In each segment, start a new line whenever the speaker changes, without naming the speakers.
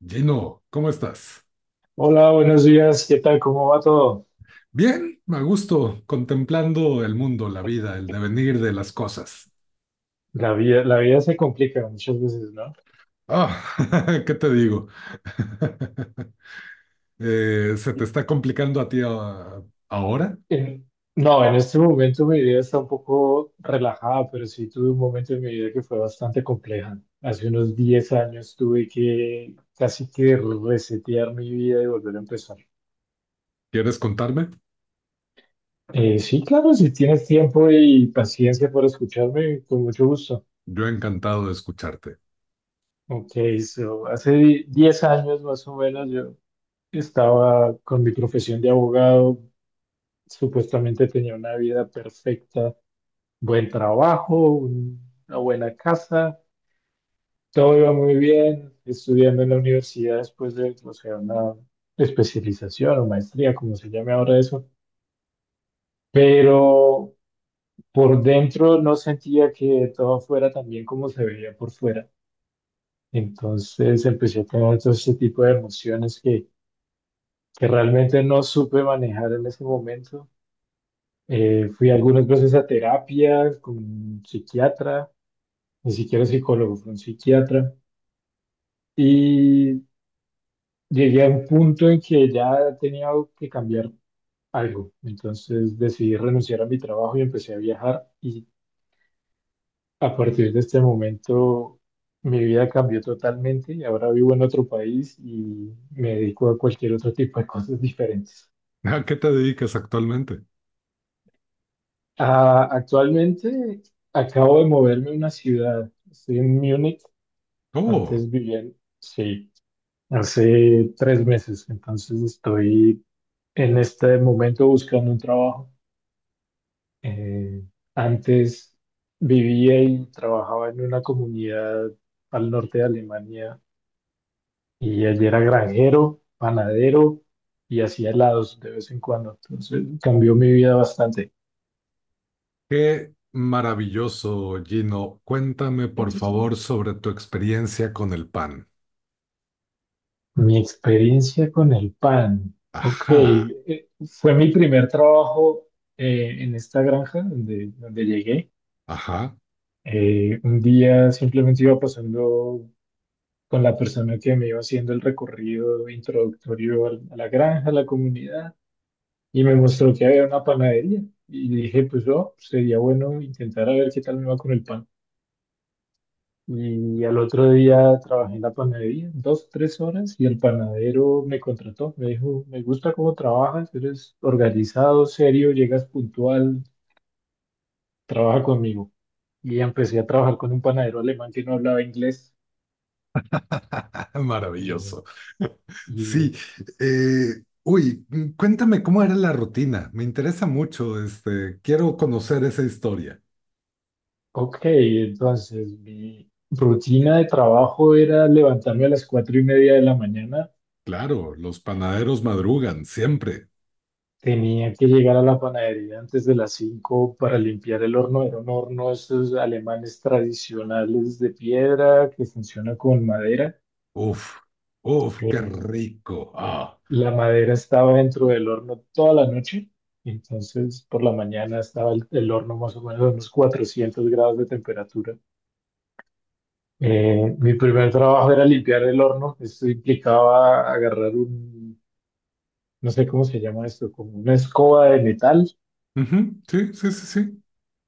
Gino, ¿cómo estás?
Hola, buenos días. ¿Qué tal? ¿Cómo va todo?
Bien, a gusto, contemplando el mundo, la vida, el devenir de las cosas.
La vida se complica muchas veces, ¿no?
Ah, ¿qué te digo? ¿Se te está complicando a ti ahora?
En- no, en este momento mi vida está un poco relajada, pero sí tuve un momento en mi vida que fue bastante compleja. Hace unos 10 años tuve que casi que resetear mi vida y volver a empezar.
¿Quieres contarme?
Sí, claro, si tienes tiempo y paciencia por escucharme, con mucho gusto.
Yo encantado de escucharte.
Ok, hace 10 años más o menos yo estaba con mi profesión de abogado. Supuestamente tenía una vida perfecta, buen trabajo, una buena casa, todo iba muy bien, estudiando en la universidad después de, o sea, una especialización o maestría, como se llame ahora eso, pero por dentro no sentía que todo fuera tan bien como se veía por fuera. Entonces empecé a tener todo este tipo de emociones que realmente no supe manejar en ese momento. Fui algunas veces a terapia con un psiquiatra, ni siquiera psicólogo, fue un psiquiatra. Y llegué a un punto en que ya tenía que cambiar algo. Entonces decidí renunciar a mi trabajo y empecé a viajar. Y a partir de este momento mi vida cambió totalmente y ahora vivo en otro país y me dedico a cualquier otro tipo de cosas diferentes.
¿A qué te dedicas actualmente?
Ah, actualmente acabo de moverme a una ciudad. Estoy en Múnich.
Oh,
Antes vivía Sí, hace 3 meses. Entonces estoy en este momento buscando un trabajo. Eh, Antes vivía y trabajaba en una comunidad al norte de Alemania y allí era granjero, panadero y hacía helados de vez en cuando. Entonces cambió mi vida bastante.
qué maravilloso, Gino. Cuéntame, por favor, sobre tu experiencia con el pan.
Mi experiencia con el pan. Ok,
Ajá,
fue mi primer trabajo en esta granja donde llegué.
ajá,
Un día simplemente iba pasando con la persona que me iba haciendo el recorrido introductorio a la granja, a la comunidad, y me mostró que había una panadería. Y dije, pues oh, sería bueno intentar a ver qué tal me va con el pan. Y al otro día trabajé en la panadería, 2, 3 horas, y el panadero me contrató. Me dijo, me gusta cómo trabajas, eres organizado, serio, llegas puntual, trabaja conmigo. Y empecé a trabajar con un panadero alemán que no hablaba inglés. eh,
maravilloso.
y
Sí, cuéntame cómo era la rutina. Me interesa mucho, este, quiero conocer esa historia.
Ok, entonces mi rutina de trabajo era levantarme a las 4:30 de la mañana.
Claro, los panaderos madrugan siempre.
Tenía que llegar a la panadería antes de las 5 para limpiar el horno. Era un horno de esos alemanes tradicionales de piedra que funciona con madera.
Uf, uf, qué
Eh,
rico. Ah.
la madera estaba dentro del horno toda la noche. Entonces, por la mañana estaba el horno más o menos a unos 400 grados de temperatura. Mi primer trabajo era limpiar el horno. Esto implicaba agarrar un, no sé cómo se llama esto, como una escoba de metal,
Ujú, sí, sí, sí, sí.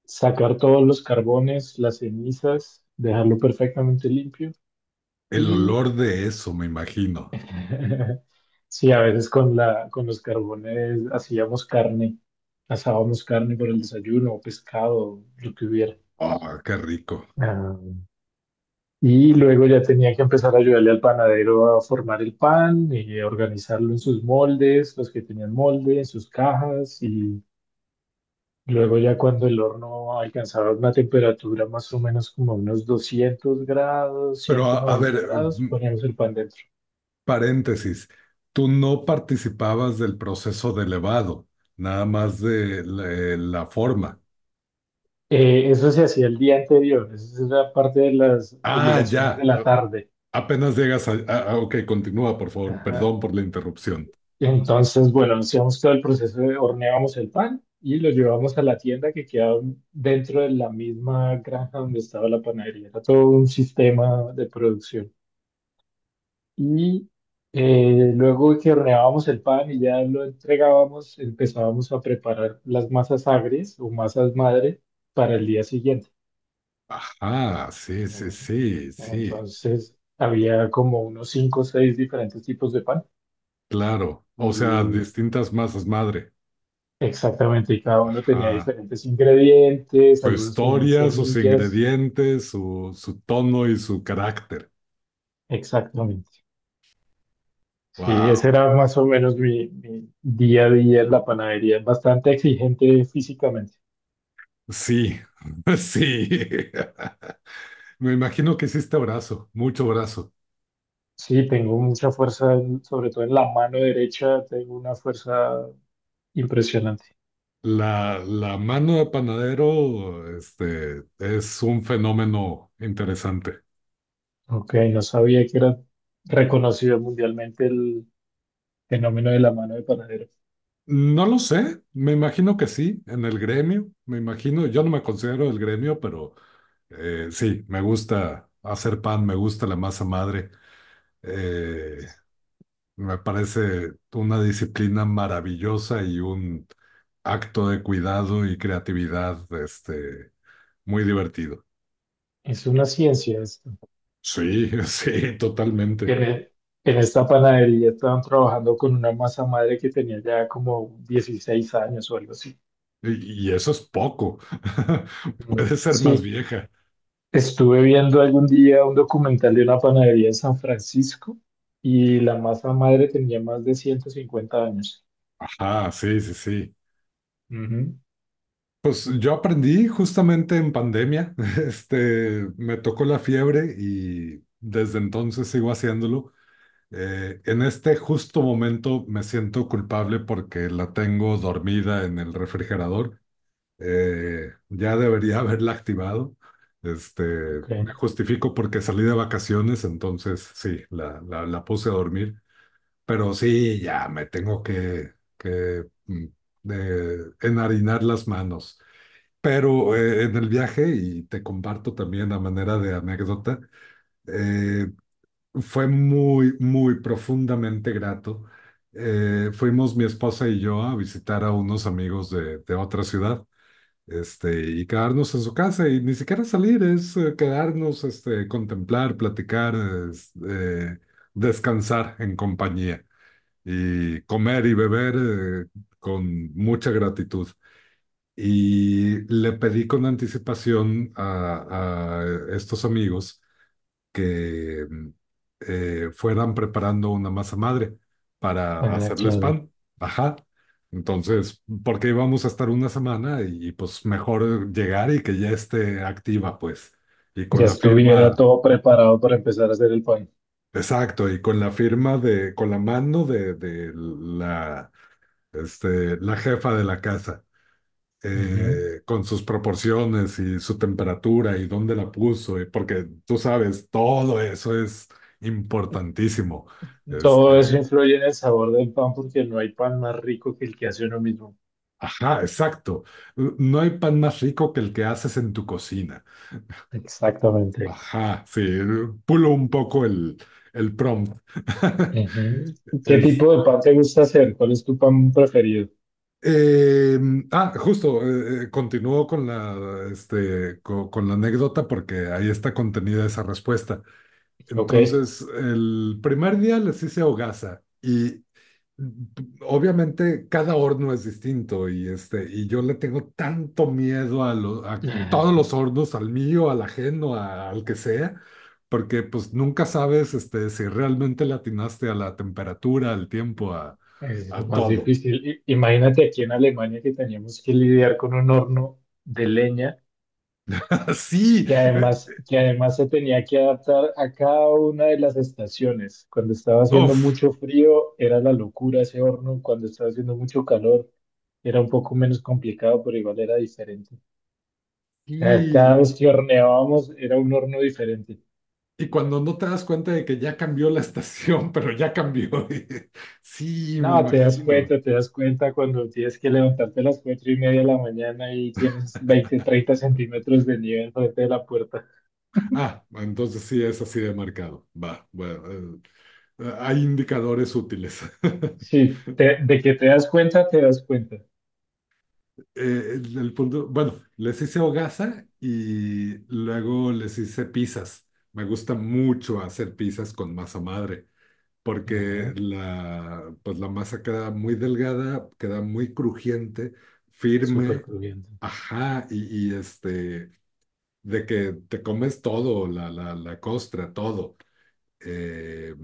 sacar todos los carbones, las cenizas, dejarlo perfectamente limpio.
El
Y
olor de eso, me imagino.
sí, a veces con los carbones hacíamos carne, asábamos carne por el desayuno o pescado, lo que hubiera.
Ah, qué rico.
Ah, y luego ya tenía que empezar a ayudarle al panadero a formar el pan y a organizarlo en sus moldes, los que tenían molde, en sus cajas. Y luego ya cuando el horno alcanzaba una temperatura más o menos como unos 200 grados,
Pero
ciento
a ver,
noventa grados,
mm,
poníamos el pan dentro.
paréntesis, tú no participabas del proceso de elevado, nada más de la forma.
Eso se hacía el día anterior, esa era parte de las
Ah,
obligaciones de
ya.
la tarde.
Apenas llegas Ok, continúa, por favor. Perdón
Ajá.
por la interrupción.
Entonces, bueno, hacíamos todo el proceso de horneábamos el pan y lo llevábamos a la tienda que quedaba dentro de la misma granja donde estaba la panadería. Era todo un sistema de producción. Y luego que horneábamos el pan y ya lo entregábamos, empezábamos a preparar las masas agrias o masas madre para el día siguiente.
Ajá, sí, sí, sí, sí.
Entonces, había como unos cinco o seis diferentes tipos de pan.
Claro. O sea, distintas masas madre.
Exactamente, y cada uno tenía
Ajá.
diferentes ingredientes,
Su
algunos tenían
historia, sus
semillas,
ingredientes, su tono y su carácter.
exactamente. Sí, ese
Wow.
era más o menos mi día a día en la panadería, es bastante exigente físicamente.
Sí, sí. Me imagino que hiciste brazo, mucho brazo.
Sí, tengo mucha fuerza, sobre todo en la mano derecha, tengo una fuerza impresionante.
La mano de panadero, este, es un fenómeno interesante.
Ok, no sabía que era reconocido mundialmente el fenómeno de la mano de panadero.
No lo sé, me imagino que sí, en el gremio, me imagino, yo no me considero del gremio, pero sí, me gusta hacer pan, me gusta la masa madre, eh, me parece una disciplina maravillosa y un acto de cuidado y creatividad, este, muy divertido.
Es una ciencia esto.
Sí, sí, totalmente.
En, e- en esta panadería estaban trabajando con una masa madre que tenía ya como 16 años o algo así.
Y eso es poco, puede ser más
Sí,
vieja.
estuve viendo algún día un documental de una panadería en San Francisco y la masa madre tenía más de 150 años.
Ajá, sí, sí, sí.
Ujú.
Pues yo aprendí justamente en pandemia, este, me tocó la fiebre y desde entonces sigo haciéndolo. En este justo momento me siento culpable porque la tengo dormida en el refrigerador. Ya debería haberla activado. Este,
Ok.
me justifico porque salí de vacaciones, entonces sí, la puse a dormir. Pero sí, ya me tengo que eh, enharinar las manos. Pero
Ujú.
en el viaje, y te comparto también a manera de anécdota, eh, fue muy profundamente grato. Fuimos mi esposa y yo a visitar a unos amigos de otra ciudad, este, y quedarnos en su casa, y ni siquiera salir, es quedarnos, este, contemplar, platicar, es- eh, descansar en compañía y comer y beber con mucha gratitud. Y le pedí con anticipación a estos amigos que fueran preparando una masa madre para
Ah,
hacerles
claro.
pan. Ajá. Entonces, porque íbamos a estar una semana y, pues mejor llegar y que ya esté activa, pues. Y con
Ya
la
estuviera
firma,
todo preparado para empezar a hacer el pan.
exacto, y con la firma con la mano de la, este, la jefa de la casa.
Ujú.
Eh, con sus proporciones y su temperatura y dónde la puso, y porque tú sabes, todo eso es importantísimo. Este,
Todo eso influye en el sabor del pan porque no hay pan más rico que el que hace uno mismo.
ajá, exacto. No hay pan más rico que el que haces en tu cocina.
Exactamente.
Ajá, sí, pulo un poco el prompt.
Ujú. ¿Qué
Es-
tipo de pan te gusta hacer? ¿Cuál es tu pan preferido?
eh, Justo, continúo con la, este, con la anécdota porque ahí está contenida esa respuesta.
Ok.
Entonces, el primer día les hice hogaza y obviamente cada horno es distinto y, este, y yo le tengo tanto miedo a todos los hornos, al mío, al ajeno, al que sea, porque pues nunca sabes este, si realmente le atinaste a la temperatura, al tiempo,
Ah, es lo
a
más
todo.
difícil. Imagínate aquí en Alemania que teníamos que lidiar con un horno de leña
Sí
que
eh,
además, que además se tenía que adaptar a cada una de las estaciones. Cuando estaba haciendo
uf,
mucho frío era la locura ese horno, cuando estaba haciendo mucho calor era un poco menos complicado, pero igual era diferente. O sea, cada
y,
vez que horneábamos era un horno diferente.
y cuando no te das cuenta de que ya cambió la estación, pero ya cambió. Sí, me
No,
imagino.
te das cuenta cuando tienes que levantarte a las 4:30 de la mañana y tienes 20, 30 centímetros de nieve frente de la puerta.
Ah, entonces sí es así de marcado. Va, bueno, hay indicadores útiles.
Sí, de que te das cuenta, te das cuenta.
El punto, bueno, les hice hogaza y luego les hice pizzas. Me gusta mucho hacer pizzas con masa madre,
Ajá,
porque la, pues la masa queda muy delgada, queda muy crujiente,
súper
firme,
crujiente.
ajá, y este, de que te comes todo, la costra, todo. Eh,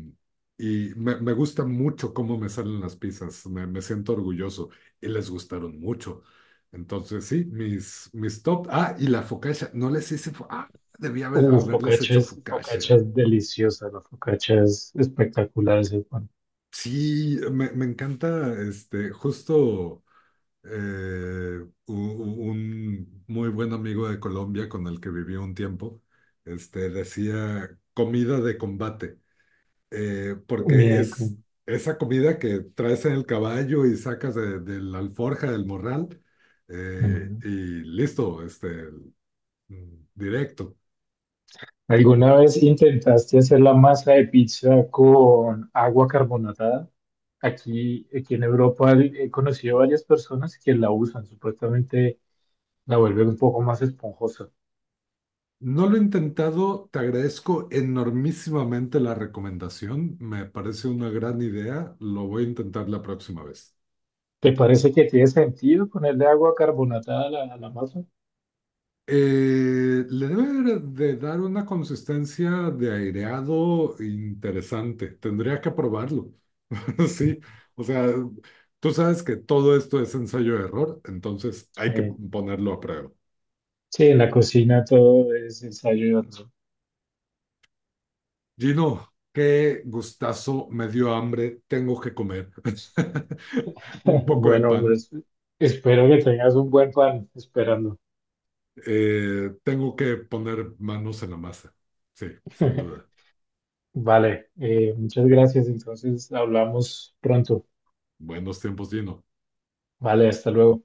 y me gusta mucho cómo me salen las pizzas, me siento orgulloso y les gustaron mucho. Entonces, sí, mis top. Ah, y la focaccia, no les hice. Ah, haberles
Focaccia
hecho
es,
focaccia.
focaccia es deliciosa, la focaccia es espectacular ese pan.
Sí, me encanta este, justo eh, un muy buen amigo de Colombia con el que viví un tiempo, este, decía comida de combate.
Comida
Porque
de
es
Cuba.
esa comida que traes en el caballo y sacas de la alforja del morral y listo, este, directo.
¿Alguna vez intentaste hacer la masa de pizza con agua carbonatada? Aquí en Europa he conocido varias personas que la usan, supuestamente la vuelven un poco más esponjosa.
No lo he intentado, te agradezco enormísimamente la recomendación, me parece una gran idea, lo voy a intentar la próxima vez.
¿Te parece que tiene sentido ponerle agua carbonatada a la masa?
Le debe de dar una consistencia de aireado interesante. Tendría que probarlo. Sí, o sea, tú sabes que todo esto es ensayo-error, entonces hay que
Eh,
ponerlo a prueba.
sí, en la cocina todo es ensayo y error.
Gino, qué gustazo, me dio hambre, tengo que comer. Un poco de
Bueno,
pan,
pues espero que tengas un buen pan esperando.
tengo que poner manos en la masa. Sí, sin duda.
Vale, muchas gracias. Entonces hablamos pronto.
Buenos tiempos, Gino.
Vale, hasta luego.